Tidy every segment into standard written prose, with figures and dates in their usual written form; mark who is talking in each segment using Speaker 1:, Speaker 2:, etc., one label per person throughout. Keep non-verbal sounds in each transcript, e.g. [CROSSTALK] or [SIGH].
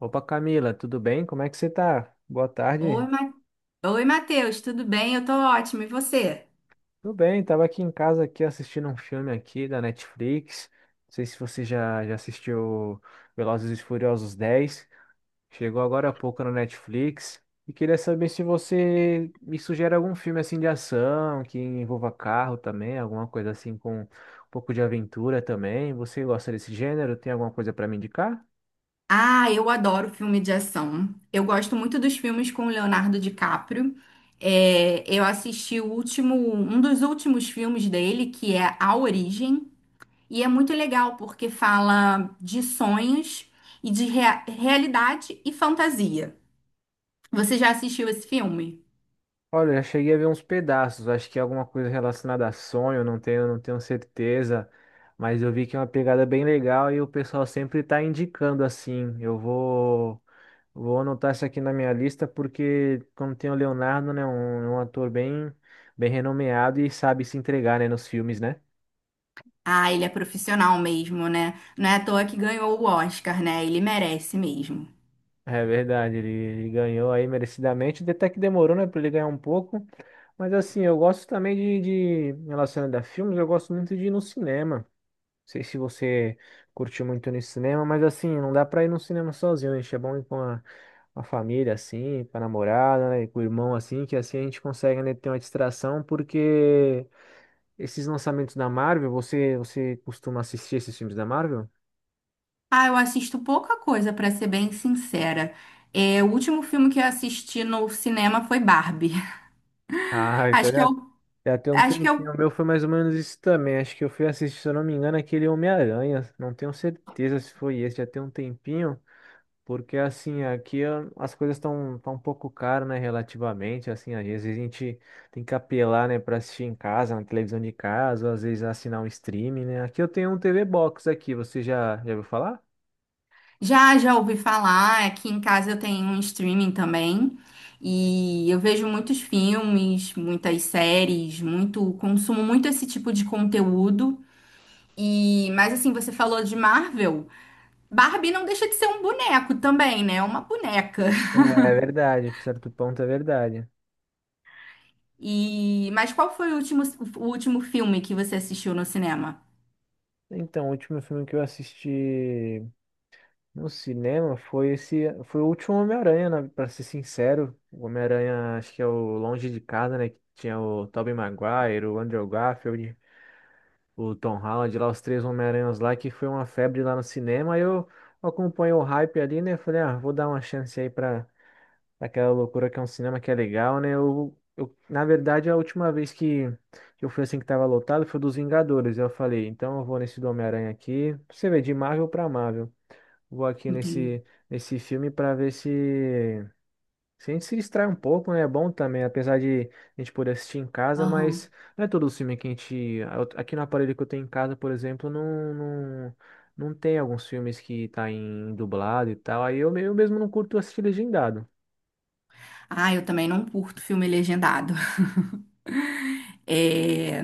Speaker 1: Opa, Camila, tudo bem? Como é que você tá? Boa tarde.
Speaker 2: Oi, Ma... Oi, Matheus, tudo bem? Eu tô ótima, e você?
Speaker 1: Tudo bem, tava aqui em casa aqui assistindo um filme aqui da Netflix. Não sei se você já assistiu Velozes e Furiosos 10. Chegou agora há pouco na Netflix. E queria saber se você me sugere algum filme assim de ação, que envolva carro também, alguma coisa assim com um pouco de aventura também. Você gosta desse gênero? Tem alguma coisa para me indicar?
Speaker 2: Ah, eu adoro filme de ação. Eu gosto muito dos filmes com o Leonardo DiCaprio. É, eu assisti o último, um dos últimos filmes dele, que é A Origem, e é muito legal porque fala de sonhos e de realidade e fantasia. Você já assistiu esse filme?
Speaker 1: Olha, eu cheguei a ver uns pedaços, acho que é alguma coisa relacionada a sonho, não tenho certeza, mas eu vi que é uma pegada bem legal e o pessoal sempre tá indicando assim. Vou anotar isso aqui na minha lista porque como tem o Leonardo, né, é um ator bem renomeado e sabe se entregar, né, nos filmes, né?
Speaker 2: Ah, ele é profissional mesmo, né? Não é à toa que ganhou o Oscar, né? Ele merece mesmo.
Speaker 1: É verdade, ele ganhou aí merecidamente, até que demorou, né, pra ele ganhar um pouco, mas assim, eu gosto também de relacionado a filmes, eu gosto muito de ir no cinema. Sei se você curtiu muito no cinema, mas assim, não dá pra ir no cinema sozinho, né? É bom ir com a família, assim, com a namorada, né? E com o irmão, assim, que assim a gente consegue, né, ter uma distração, porque esses lançamentos da Marvel, você costuma assistir esses filmes da Marvel?
Speaker 2: Ah, eu assisto pouca coisa, pra ser bem sincera. É, o último filme que eu assisti no cinema foi Barbie. [LAUGHS]
Speaker 1: Ah, então
Speaker 2: Acho que eu,
Speaker 1: já, já tem um
Speaker 2: Acho que
Speaker 1: tempinho.
Speaker 2: eu
Speaker 1: O meu foi mais ou menos isso também. Acho que eu fui assistir, se eu não me engano, aquele Homem-Aranha. Não tenho certeza se foi esse, já tem um tempinho. Porque assim, aqui as coisas estão tão um pouco caras, né, relativamente, assim, às vezes a gente tem que apelar, né, para assistir em casa, na televisão de casa, ou às vezes assinar um streaming, né? Aqui eu tenho um TV Box aqui, você já ouviu falar?
Speaker 2: já ouvi falar. Aqui em casa eu tenho um streaming também e eu vejo muitos filmes, muitas séries, muito consumo muito esse tipo de conteúdo. E, mas assim, você falou de Marvel. Barbie não deixa de ser um boneco também, né? É uma boneca. [LAUGHS]
Speaker 1: É verdade, por certo ponto é verdade.
Speaker 2: E, mas qual foi o último filme que você assistiu no cinema?
Speaker 1: Então, o último filme que eu assisti no cinema foi esse, foi o último Homem-Aranha, né, para ser sincero. O Homem-Aranha, acho que é o Longe de Casa, né, que tinha o Tobey Maguire, o Andrew Garfield, o Tom Holland lá, os três Homem-Aranhas lá, que foi uma febre lá no cinema. Aí eu acompanhei o hype ali, né? Falei, ah, vou dar uma chance pra aquela loucura que é um cinema que é legal, né? Na verdade, a última vez que eu fui assim que tava lotado foi dos Vingadores. Eu falei, então eu vou nesse do Homem-Aranha aqui. Pra você vê, de Marvel pra Marvel. Vou aqui
Speaker 2: Entendi.
Speaker 1: nesse filme pra ver se. Se a gente se distrai um pouco, né? É bom também, apesar de a gente poder assistir em casa,
Speaker 2: Aham.
Speaker 1: mas não é todo o filme que a gente. Aqui no aparelho que eu tenho em casa, por exemplo, não tem alguns filmes que tá em dublado e tal. Eu mesmo não curto assistir legendado.
Speaker 2: Ah, eu também não curto filme legendado. [LAUGHS] É,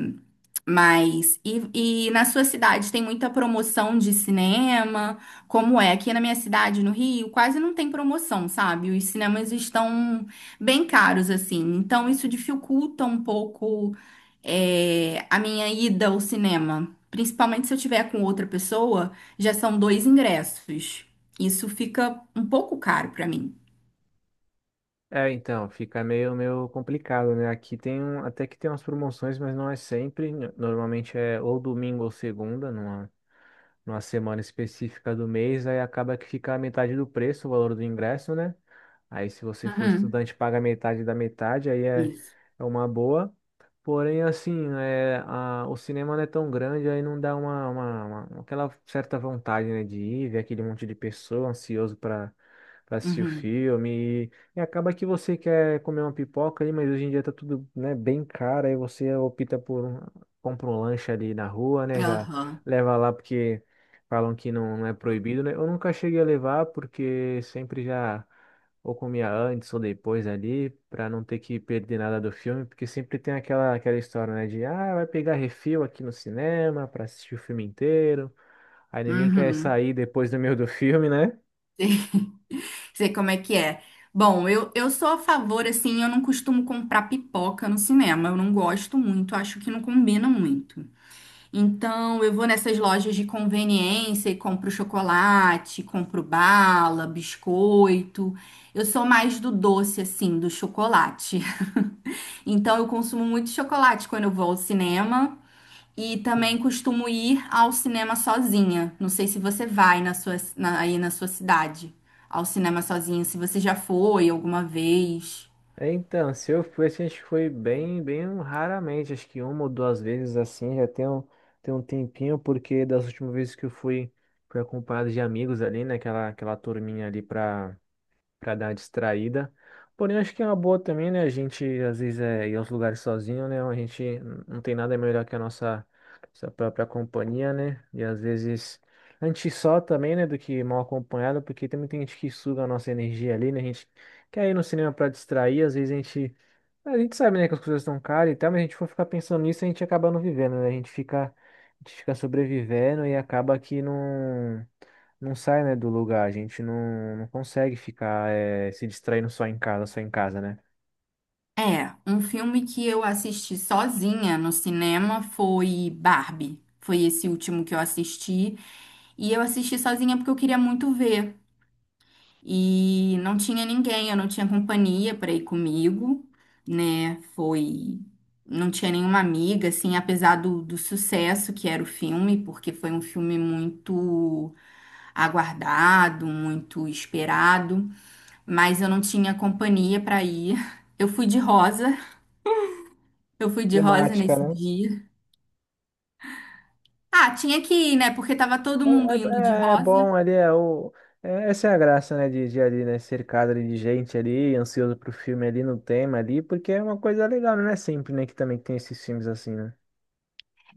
Speaker 2: mas, e na sua cidade tem muita promoção de cinema? Como é? Aqui na minha cidade, no Rio, quase não tem promoção, sabe? Os cinemas estão bem caros, assim. Então, isso dificulta um pouco, é, a minha ida ao cinema. Principalmente se eu tiver com outra pessoa, já são dois ingressos. Isso fica um pouco caro pra mim.
Speaker 1: É, então, fica meio complicado, né? Aqui tem um, até que tem umas promoções, mas não é sempre. Normalmente é ou domingo ou segunda, numa semana específica do mês, aí acaba que fica a metade do preço, o valor do ingresso, né? Aí, se você for
Speaker 2: Uhum.
Speaker 1: estudante, paga metade da metade,
Speaker 2: Isso.
Speaker 1: é uma boa. Porém, assim, o cinema não é tão grande, aí não dá aquela certa vontade, né, de ir, ver aquele monte de pessoa ansioso para assistir o
Speaker 2: Uhum.
Speaker 1: filme. E acaba que você quer comer uma pipoca ali, mas hoje em dia tá tudo, né, bem caro, aí você opta por um, compra um lanche ali na rua, né, já
Speaker 2: Aham.
Speaker 1: leva lá porque falam que não é proibido, né? Eu nunca cheguei a levar porque sempre já ou comia antes ou depois ali, pra não ter que perder nada do filme, porque sempre tem aquela história, né, de, ah, vai pegar refil aqui no cinema pra assistir o filme inteiro, aí ninguém quer
Speaker 2: Uhum.
Speaker 1: sair depois do meio do filme, né?
Speaker 2: Sei como é que é. Bom, eu sou a favor, assim, eu não costumo comprar pipoca no cinema. Eu não gosto muito, acho que não combina muito. Então, eu vou nessas lojas de conveniência e compro chocolate, compro bala, biscoito. Eu sou mais do doce, assim, do chocolate. [LAUGHS] Então, eu consumo muito chocolate quando eu vou ao cinema. E também costumo ir ao cinema sozinha. Não sei se você vai aí na sua cidade ao cinema sozinha, se você já foi alguma vez.
Speaker 1: É, então, se eu fui, assim, acho que foi bem raramente, acho que uma ou duas vezes assim, tem um tempinho, porque das últimas vezes que eu fui, fui acompanhado de amigos ali, né, aquela turminha ali pra para dar uma distraída. Porém, acho que é uma boa também, né? A gente às vezes é ir aos lugares sozinho, né? Não tem nada melhor que a nossa própria companhia, né? E às vezes a gente só também, né? Do que mal acompanhado, porque também tem gente que suga a nossa energia ali, né? A gente quer ir no cinema para distrair, às vezes a gente sabe, né, que as coisas estão caras e tal, mas a gente for ficar pensando nisso, a gente acaba não vivendo, né? A gente fica sobrevivendo e acaba que não sai, né, do lugar. A gente não, Não consegue ficar, se distraindo só em casa, né?
Speaker 2: É, um filme que eu assisti sozinha no cinema foi Barbie. Foi esse último que eu assisti. E eu assisti sozinha porque eu queria muito ver. E não tinha ninguém, eu não tinha companhia para ir comigo, né? Foi. Não tinha nenhuma amiga, assim, apesar do sucesso que era o filme, porque foi um filme muito aguardado, muito esperado, mas eu não tinha companhia para ir. [LAUGHS] Eu fui de rosa, eu fui de rosa
Speaker 1: Temática
Speaker 2: nesse
Speaker 1: né?
Speaker 2: dia. Ah, tinha que ir, né? Porque tava todo
Speaker 1: É,
Speaker 2: mundo indo de
Speaker 1: é
Speaker 2: rosa.
Speaker 1: bom ali, essa é a graça, né, de ali, né, cercado ali de gente ali, ansioso pro filme ali, no tema ali, porque é uma coisa legal, né? Não é sempre, né, que também tem esses filmes assim, né?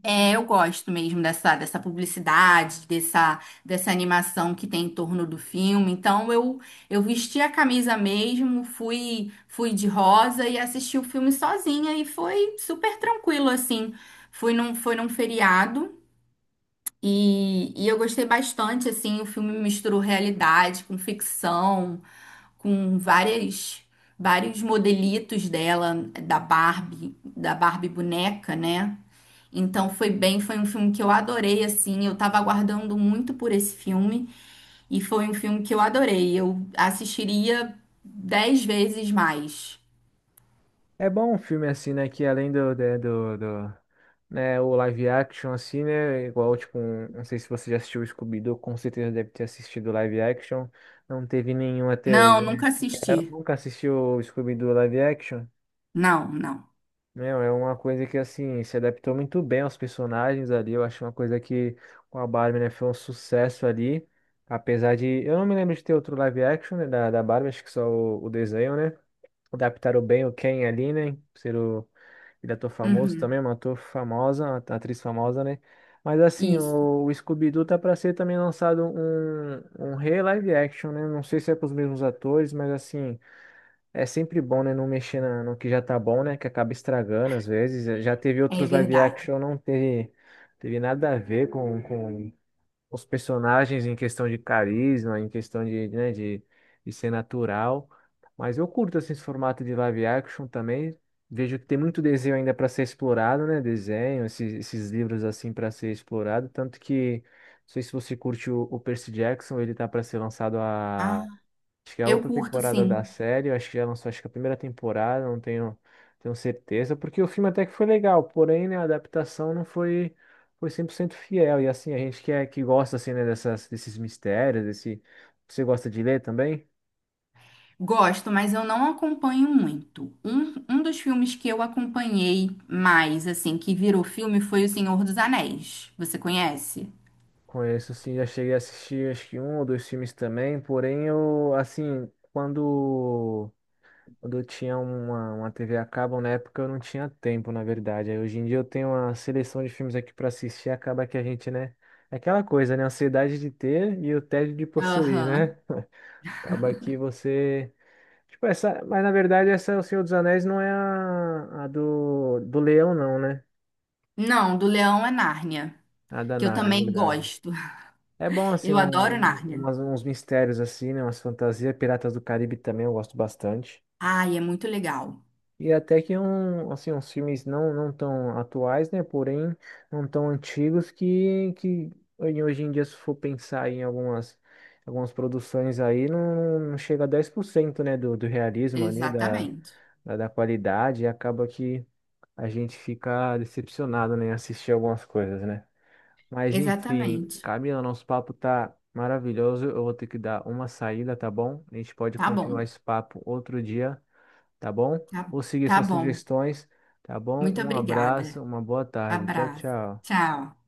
Speaker 2: É, eu gosto mesmo dessa publicidade, dessa animação que tem em torno do filme. Então eu vesti a camisa mesmo, fui de rosa e assisti o filme sozinha e foi super tranquilo assim. Foi num feriado e eu gostei bastante assim, o filme misturou realidade com ficção, com várias vários modelitos dela, da Barbie boneca, né? Então foi bem, foi um filme que eu adorei, assim, eu tava aguardando muito por esse filme e foi um filme que eu adorei. Eu assistiria 10 vezes mais.
Speaker 1: É bom um filme assim, né? Que além do, de- do, do, né, o live action, assim, né? Igual, tipo, não sei se você já assistiu o Scooby-Doo, com certeza deve ter assistido o live action. Não teve nenhum até hoje,
Speaker 2: Não,
Speaker 1: né?
Speaker 2: nunca
Speaker 1: Eu
Speaker 2: assisti.
Speaker 1: nunca assisti o Scooby-Doo live action.
Speaker 2: Não, não.
Speaker 1: Meu, é uma coisa que, assim, se adaptou muito bem aos personagens ali. Eu acho uma coisa que com a Barbie, né? Foi um sucesso ali. Apesar de. Eu não me lembro de ter outro live action, né, da Barbie, acho que só o desenho, né? Adaptaram bem o Ken ali, né? Ser o ele é ator famoso
Speaker 2: Uhum.
Speaker 1: também, é uma ator famosa, uma atriz famosa, né? Mas assim,
Speaker 2: Isso,
Speaker 1: o Scooby-Doo tá pra ser também lançado um re-live action, né? Não sei se é com os mesmos atores, mas assim, é sempre bom, né? Não mexer no que já tá bom, né? Que acaba estragando às vezes. Já teve
Speaker 2: é
Speaker 1: outros live
Speaker 2: verdade.
Speaker 1: action, não teve, teve nada a ver com os personagens em questão de carisma, em questão de, né, de ser natural. Mas eu curto assim, esse formato de live action também. Vejo que tem muito desenho ainda para ser explorado, né? Desenho, esses livros assim para ser explorado. Tanto que, não sei se você curte o Percy Jackson, ele tá para ser lançado
Speaker 2: Ah,
Speaker 1: a. Acho que é a
Speaker 2: eu
Speaker 1: outra
Speaker 2: curto
Speaker 1: temporada
Speaker 2: sim.
Speaker 1: da série, eu acho que já lançou, acho que a primeira temporada, não tenho, tenho certeza, porque o filme até que foi legal, porém, né, a adaptação não foi, foi 100% fiel, e assim, a gente que, é, que gosta, assim, né, desses mistérios, desse... Você gosta de ler também?
Speaker 2: Gosto, mas eu não acompanho muito. Um dos filmes que eu acompanhei mais, assim, que virou filme foi O Senhor dos Anéis. Você conhece?
Speaker 1: Conheço, sim, já cheguei a assistir, acho que um ou dois filmes também, porém, eu, assim, quando... Quando eu tinha uma TV a cabo, na época eu não tinha tempo, na verdade. Aí hoje em dia eu tenho uma seleção de filmes aqui pra assistir, acaba que a gente, né? É aquela coisa, né? A ansiedade de ter e o tédio de possuir,
Speaker 2: Aham.
Speaker 1: né? [LAUGHS] Acaba que você. Tipo, essa. Mas na verdade, essa O Senhor dos Anéis não é a do Leão, não, né?
Speaker 2: Não, do Leão é Nárnia.
Speaker 1: A da
Speaker 2: Que eu
Speaker 1: Narnia, na
Speaker 2: também
Speaker 1: verdade.
Speaker 2: gosto.
Speaker 1: É bom, assim,
Speaker 2: Eu adoro Nárnia.
Speaker 1: uns mistérios, assim, né? Umas fantasias. Piratas do Caribe também eu gosto bastante.
Speaker 2: Ai, é muito legal.
Speaker 1: E até que um, assim, uns filmes não tão atuais, né? Porém, não tão antigos que hoje em dia, se for pensar em algumas, algumas produções aí, não chega a 10% né? Do realismo ali,
Speaker 2: Exatamente.
Speaker 1: da qualidade, e acaba que a gente fica decepcionado, né? Em assistir algumas coisas, né? Mas enfim,
Speaker 2: Exatamente.
Speaker 1: Camila, nosso papo tá maravilhoso. Eu vou ter que dar uma saída, tá bom? A gente pode
Speaker 2: Tá bom.
Speaker 1: continuar esse papo outro dia, tá bom?
Speaker 2: Tá,
Speaker 1: Vou seguir
Speaker 2: tá
Speaker 1: suas
Speaker 2: bom.
Speaker 1: sugestões, tá bom?
Speaker 2: Muito
Speaker 1: Um
Speaker 2: obrigada.
Speaker 1: abraço, uma boa tarde. Tchau,
Speaker 2: Abraço.
Speaker 1: tchau.
Speaker 2: Tchau.